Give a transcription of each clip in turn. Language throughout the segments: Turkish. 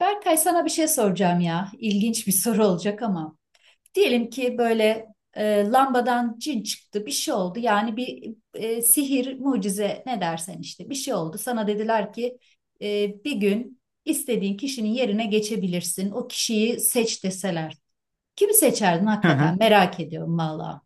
Berkay, sana bir şey soracağım ya. İlginç bir soru olacak ama. Diyelim ki böyle lambadan cin çıktı, bir şey oldu. Yani bir sihir, mucize ne dersen işte bir şey oldu. Sana dediler ki bir gün istediğin kişinin yerine geçebilirsin. O kişiyi seç deseler. Kimi seçerdin Hı hı. hakikaten? Merak ediyorum valla.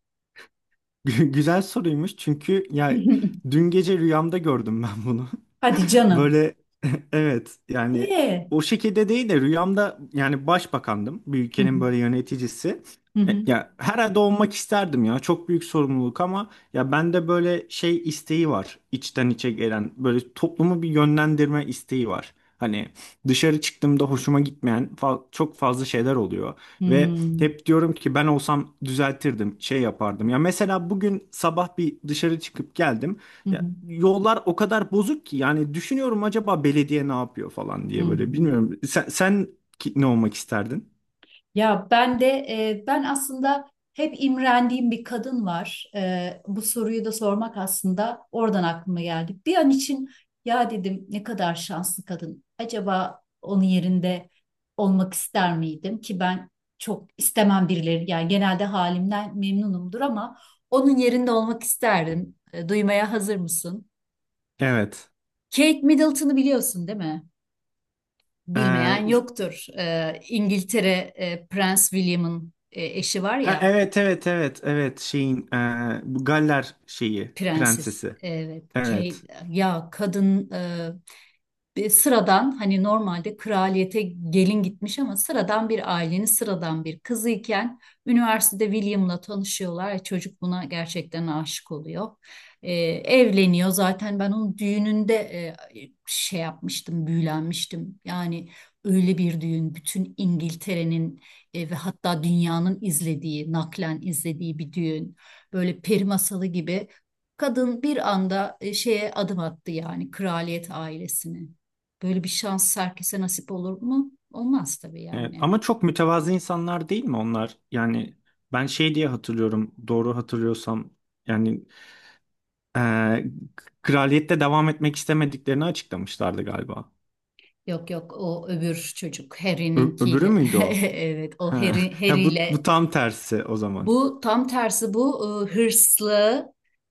Güzel soruymuş çünkü ya dün gece rüyamda gördüm ben bunu. Hadi canım. Böyle evet yani Ee? o şekilde değil de rüyamda yani başbakandım. Bir Hı ülkenin hı, böyle yöneticisi. hı hı, Ya herhalde olmak isterdim ya. Çok büyük sorumluluk ama ya bende böyle şey isteği var. İçten içe gelen böyle toplumu bir yönlendirme isteği var. Hani dışarı çıktığımda hoşuma gitmeyen çok fazla şeyler oluyor ve hı hep diyorum ki ben olsam düzeltirdim, şey yapardım. Ya mesela bugün sabah bir dışarı çıkıp geldim. hı, hı Ya, hı, yollar o kadar bozuk ki yani düşünüyorum acaba belediye ne yapıyor falan hı diye böyle hı. bilmiyorum. Sen ne olmak isterdin? Ya ben de, ben aslında hep imrendiğim bir kadın var. Bu soruyu da sormak aslında oradan aklıma geldi. Bir an için ya dedim ne kadar şanslı kadın. Acaba onun yerinde olmak ister miydim ki ben çok istemem birileri. Yani genelde halimden memnunumdur ama onun yerinde olmak isterdim. Duymaya hazır mısın? Evet. Kate Middleton'ı biliyorsun değil mi? Bilmeyen Ee, yoktur. İngiltere, Prens William'ın eşi var ha, ya. evet evet evet evet şeyin bu Galler şeyi Prenses. prensesi. Evet. Evet. Ya kadın, bir sıradan, hani normalde kraliyete gelin gitmiş ama sıradan bir ailenin sıradan bir kızıyken üniversitede William'la tanışıyorlar. Çocuk buna gerçekten aşık oluyor. Evleniyor. Zaten ben onun düğününde şey yapmıştım, büyülenmiştim. Yani öyle bir düğün, bütün İngiltere'nin ve hatta dünyanın izlediği, naklen izlediği bir düğün. Böyle peri masalı gibi. Kadın bir anda şeye adım attı, yani kraliyet ailesine. Böyle bir şans herkese nasip olur mu? Olmaz tabii Evet. yani. Ama çok mütevazı insanlar değil mi onlar? Yani ben şey diye hatırlıyorum doğru hatırlıyorsam yani ee, kraliyette devam etmek istemediklerini açıklamışlardı galiba. Yok yok, o öbür çocuk Öbürü Harry'ninkiyle. müydü o? Evet, o Ha. Harry, Ha, bu Harry'yle tam tersi o zaman. Bu tam tersi. Bu hırslı,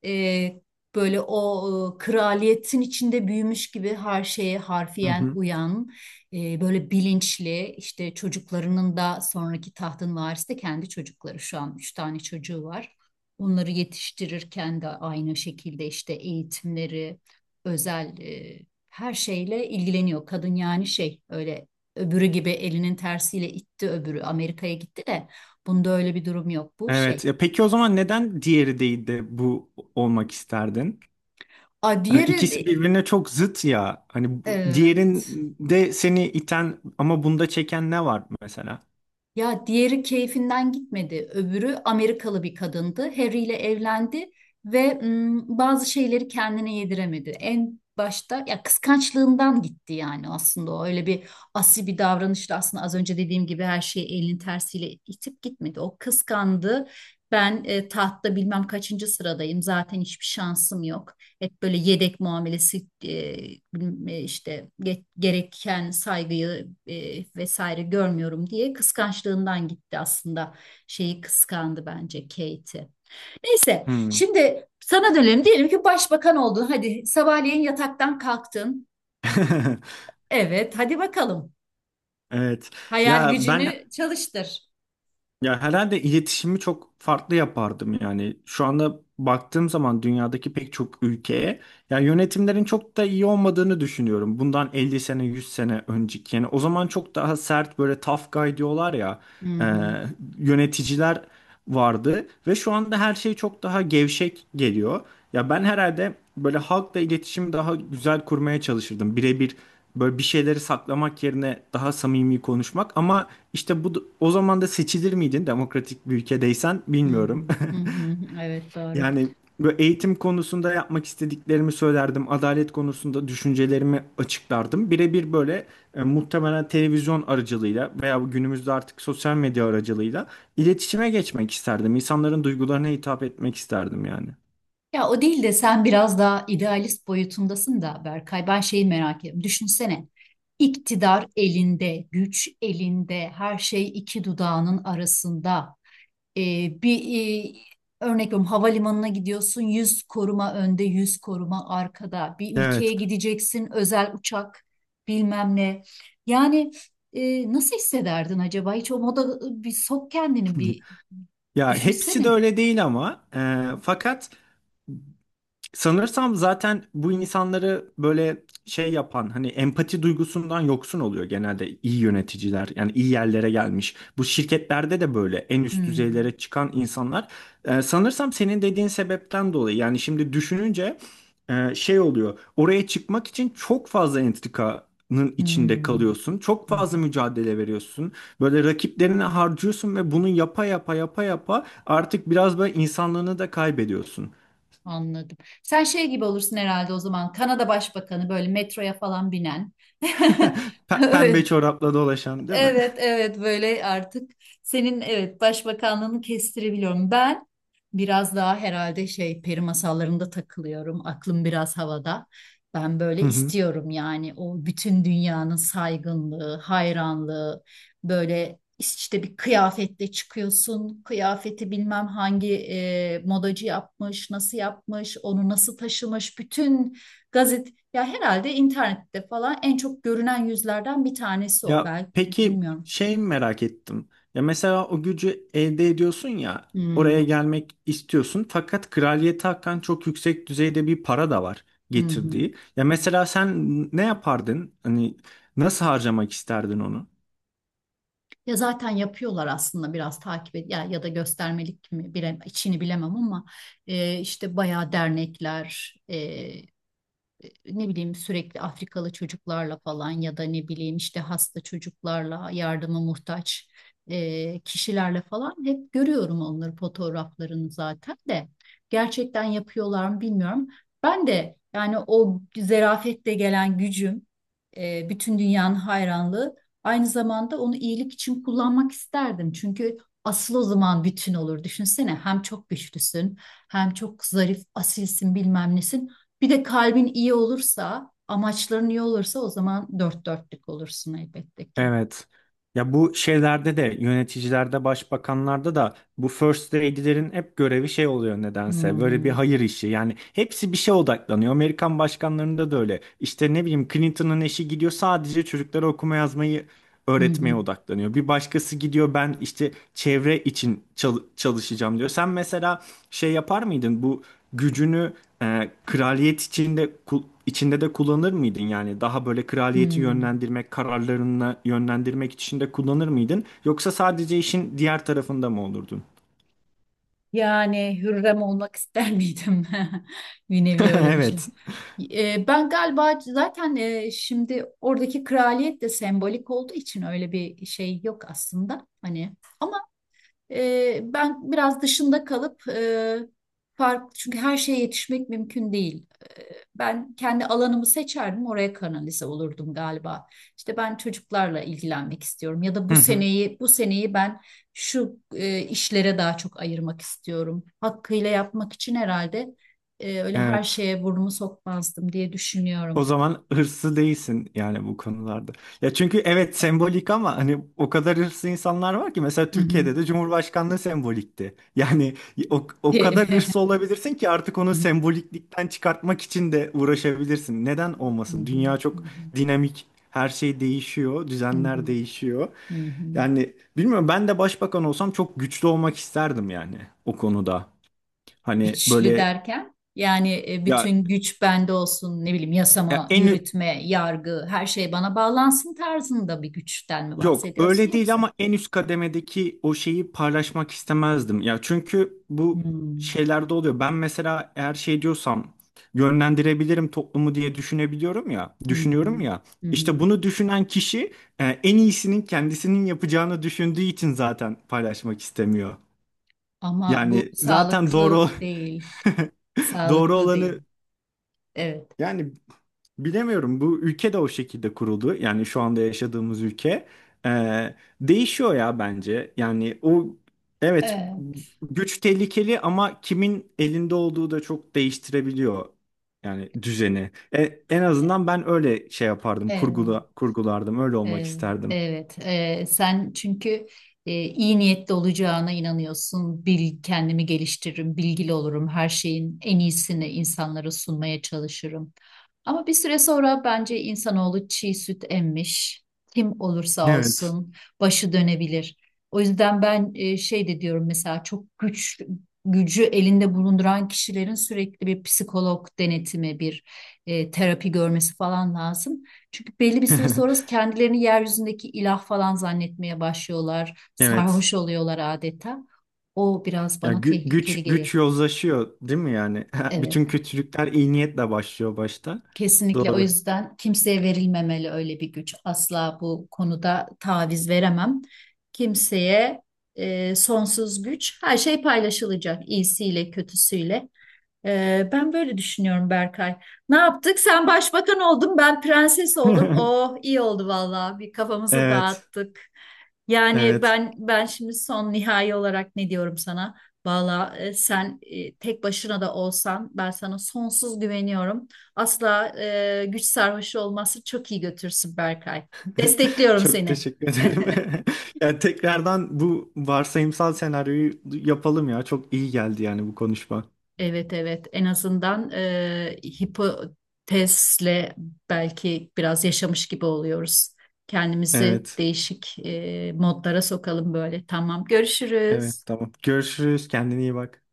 e, böyle o, kraliyetin içinde büyümüş gibi her şeye Hı harfiyen hı. uyan, böyle bilinçli. İşte çocuklarının da sonraki tahtın varisi de kendi çocukları, şu an üç tane çocuğu var. Onları yetiştirirken de aynı şekilde işte eğitimleri özel, her şeyle ilgileniyor kadın. Yani şey, öyle öbürü gibi elinin tersiyle itti, öbürü Amerika'ya gitti de. Bunda öyle bir durum yok. Bu şey. Evet. Ya peki o zaman neden diğeri değil de bu olmak isterdin? A Hani diğeri ikisi birbirine çok zıt ya. Hani evet. diğerinde seni iten ama bunda çeken ne var mesela? Ya diğeri keyfinden gitmedi. Öbürü Amerikalı bir kadındı. Harry ile evlendi ve bazı şeyleri kendine yediremedi. En başta ya kıskançlığından gitti, yani aslında o öyle bir asi bir davranışla, aslında az önce dediğim gibi her şeyi elinin tersiyle itip gitmedi. O kıskandı. Ben, tahtta bilmem kaçıncı sıradayım. Zaten hiçbir şansım yok. Hep böyle yedek muamelesi, bilmem, işte gereken saygıyı vesaire görmüyorum diye kıskançlığından gitti aslında. Şeyi kıskandı bence, Kate'i. Neyse, Hmm. şimdi sana dönelim. Diyelim ki başbakan oldun. Hadi, sabahleyin yataktan kalktın. Evet, hadi bakalım. Evet. Hayal Ya ben gücünü çalıştır. ya herhalde iletişimi çok farklı yapardım yani. Şu anda baktığım zaman dünyadaki pek çok ülkeye ya yönetimlerin çok da iyi olmadığını düşünüyorum. Bundan 50 sene 100 sene önceki yani o zaman çok daha sert böyle tough guy diyorlar ya, Hı e, hı, yöneticiler vardı ve şu anda her şey çok daha gevşek geliyor. Ya ben herhalde böyle halkla iletişimi daha güzel kurmaya çalışırdım. Birebir böyle bir şeyleri saklamak yerine daha samimi konuşmak ama işte bu o zaman da seçilir miydin demokratik bir ülkedeysen hı bilmiyorum. hı, hı hı. Evet, doğru. Yani böyle eğitim konusunda yapmak istediklerimi söylerdim. Adalet konusunda düşüncelerimi açıklardım. Birebir böyle muhtemelen televizyon aracılığıyla veya bu günümüzde artık sosyal medya aracılığıyla iletişime geçmek isterdim. İnsanların duygularına hitap etmek isterdim yani. Ya, o değil de sen biraz daha idealist boyutundasın da Berkay. Ben şeyi merak ediyorum. Düşünsene. İktidar elinde, güç elinde, her şey iki dudağının arasında. Bir e, örnek veriyorum, havalimanına gidiyorsun, 100 koruma önde, 100 koruma arkada. Bir ülkeye Evet. gideceksin, özel uçak, bilmem ne. Yani nasıl hissederdin acaba? Hiç o moda bir sok kendini, bir Ya hepsi de düşünsene. öyle değil ama fakat sanırsam zaten bu insanları böyle şey yapan hani empati duygusundan yoksun oluyor genelde iyi yöneticiler yani iyi yerlere gelmiş. Bu şirketlerde de böyle en üst Hmm. düzeylere çıkan insanlar sanırsam senin dediğin sebepten dolayı yani şimdi düşününce şey oluyor oraya çıkmak için çok fazla entrikanın içinde Hmm. kalıyorsun. Çok fazla Hmm. mücadele veriyorsun. Böyle rakiplerine harcıyorsun ve bunu yapa yapa yapa yapa artık biraz böyle insanlığını da kaybediyorsun. Anladım. Sen şey gibi olursun herhalde o zaman, Kanada Başbakanı böyle metroya falan binen. Pembe Öyle. çorapla dolaşan değil mi? Evet, evet, böyle artık senin evet başbakanlığını kestirebiliyorum. Ben biraz daha herhalde şey, peri masallarında takılıyorum. Aklım biraz havada. Ben böyle Hı hı. istiyorum yani, o bütün dünyanın saygınlığı, hayranlığı, böyle işte bir kıyafetle çıkıyorsun. Kıyafeti bilmem hangi modacı yapmış, nasıl yapmış, onu nasıl taşımış. Bütün gazete, ya herhalde internette falan en çok görünen yüzlerden bir tanesi o. Ya Ben peki bilmiyorum. şey merak ettim. Ya mesela o gücü elde ediyorsun ya Hmm, oraya gelmek istiyorsun fakat kraliyete hakan çok yüksek düzeyde bir para da var hı hı. getirdiği. Ya mesela sen ne yapardın? Hani nasıl harcamak isterdin onu? Ya zaten yapıyorlar aslında, biraz takip et, ya ya da göstermelik mi bile, içini bilemem ama işte bayağı dernekler, e, ne bileyim, sürekli Afrikalı çocuklarla falan ya da ne bileyim işte hasta çocuklarla, yardıma muhtaç kişilerle falan hep görüyorum onları, fotoğraflarını. Zaten de gerçekten yapıyorlar mı bilmiyorum. Ben de yani o zerafetle gelen gücüm, bütün dünyanın hayranlığı, aynı zamanda onu iyilik için kullanmak isterdim. Çünkü asıl o zaman bütün olur. Düşünsene, hem çok güçlüsün hem çok zarif, asilsin, bilmem nesin. Bir de kalbin iyi olursa, amaçların iyi olursa, o zaman dört dörtlük olursun elbette ki. Evet. Ya bu şeylerde de yöneticilerde, başbakanlarda da bu first lady'lerin hep görevi şey oluyor Hı nedense. Böyle bir hı, hayır işi. Yani hepsi bir şeye odaklanıyor. Amerikan başkanlarında da öyle. İşte ne bileyim Clinton'ın eşi gidiyor sadece çocuklara okuma yazmayı hı öğretmeye hı, odaklanıyor. Bir başkası gidiyor ben işte çevre için çalışacağım diyor. Sen mesela şey yapar mıydın bu gücünü kraliyet içinde içinde de kullanır mıydın yani daha böyle kraliyeti hı. yönlendirmek, kararlarını yönlendirmek için de kullanır mıydın yoksa sadece işin diğer tarafında mı olurdun? Yani Hürrem olmak ister miydim? Bir nevi öyle bir şey. Evet. Ben galiba zaten, şimdi oradaki kraliyet de sembolik olduğu için öyle bir şey yok aslında. Hani, ama ben biraz dışında kalıp, farklı, çünkü her şeye yetişmek mümkün değil. E, Ben kendi alanımı seçerdim, oraya kanalize olurdum galiba. İşte ben çocuklarla ilgilenmek istiyorum, ya da Hı bu hı. seneyi bu seneyi ben şu işlere daha çok ayırmak istiyorum. Hakkıyla yapmak için herhalde öyle her Evet. şeye burnumu sokmazdım diye O düşünüyorum. zaman hırslı değilsin yani bu konularda. Ya çünkü evet sembolik ama hani o kadar hırslı insanlar var ki mesela Hı hı. Türkiye'de de Cumhurbaşkanlığı sembolikti. Yani o kadar hırslı olabilirsin ki artık onu Hı hı. semboliklikten çıkartmak için de uğraşabilirsin. Neden Hı olmasın? hı. Dünya çok dinamik. Her şey değişiyor, Hı düzenler hı. değişiyor. Hı hı. Hı hı. Yani bilmiyorum ben de başbakan olsam çok güçlü olmak isterdim yani o konuda. Hani Güçlü böyle derken yani ya, bütün güç bende olsun, ne bileyim ya yasama, en yürütme, yargı her şey bana bağlansın tarzında bir güçten mi yok bahsediyorsun, öyle değil yoksa? ama en üst kademedeki o şeyi paylaşmak istemezdim. Ya çünkü bu Hmm, şeylerde oluyor. Ben mesela eğer şey diyorsam yönlendirebilirim toplumu diye düşünebiliyorum ya, hı hı. düşünüyorum ya. Hı hı. İşte bunu düşünen kişi en iyisinin kendisinin yapacağını düşündüğü için zaten paylaşmak istemiyor. Ama bu Yani zaten doğru sağlıklı değil. doğru Sağlıklı değil. olanı Evet. yani bilemiyorum bu ülke de o şekilde kuruldu. Yani şu anda yaşadığımız ülke Ee, değişiyor ya bence. Yani o evet Evet. güç tehlikeli ama kimin elinde olduğu da çok değiştirebiliyor yani düzeni. En azından ben öyle şey yapardım, Evet. Kurgulardım, öyle olmak Evet, isterdim. evet. Sen çünkü iyi niyetli olacağına inanıyorsun. Bil, kendimi geliştiririm, bilgili olurum. Her şeyin en iyisini insanlara sunmaya çalışırım. Ama bir süre sonra bence insanoğlu çiğ süt emmiş. Kim olursa Evet. olsun başı dönebilir. O yüzden ben, şey de diyorum mesela, çok gücü elinde bulunduran kişilerin sürekli bir psikolog denetimi, bir terapi görmesi falan lazım. Çünkü belli bir süre sonra kendilerini yeryüzündeki ilah falan zannetmeye başlıyorlar. Evet. Sarhoş oluyorlar adeta. O biraz Ya bana tehlikeli güç geliyor. güç yozlaşıyor değil mi yani? Bütün Evet. kötülükler iyi niyetle başlıyor başta. Kesinlikle, o Doğru. yüzden kimseye verilmemeli öyle bir güç. Asla bu konuda taviz veremem. Kimseye sonsuz güç, her şey paylaşılacak, iyisiyle, kötüsüyle. Ben böyle düşünüyorum Berkay. Ne yaptık? Sen başbakan oldun, ben prenses oldum. Oh, iyi oldu vallahi. Bir kafamızı Evet. dağıttık. Yani Evet. ben şimdi son nihai olarak ne diyorum sana? Vallahi sen, tek başına da olsan ben sana sonsuz güveniyorum. Asla güç sarhoşu olması çok iyi götürsün Berkay. Destekliyorum Çok seni. teşekkür ederim. Yani tekrardan bu varsayımsal senaryoyu yapalım ya. Çok iyi geldi yani bu konuşma. Evet, evet, en azından hipotezle belki biraz yaşamış gibi oluyoruz. Kendimizi Evet. değişik modlara sokalım böyle. Tamam, Evet görüşürüz. tamam. Görüşürüz. Kendine iyi bak.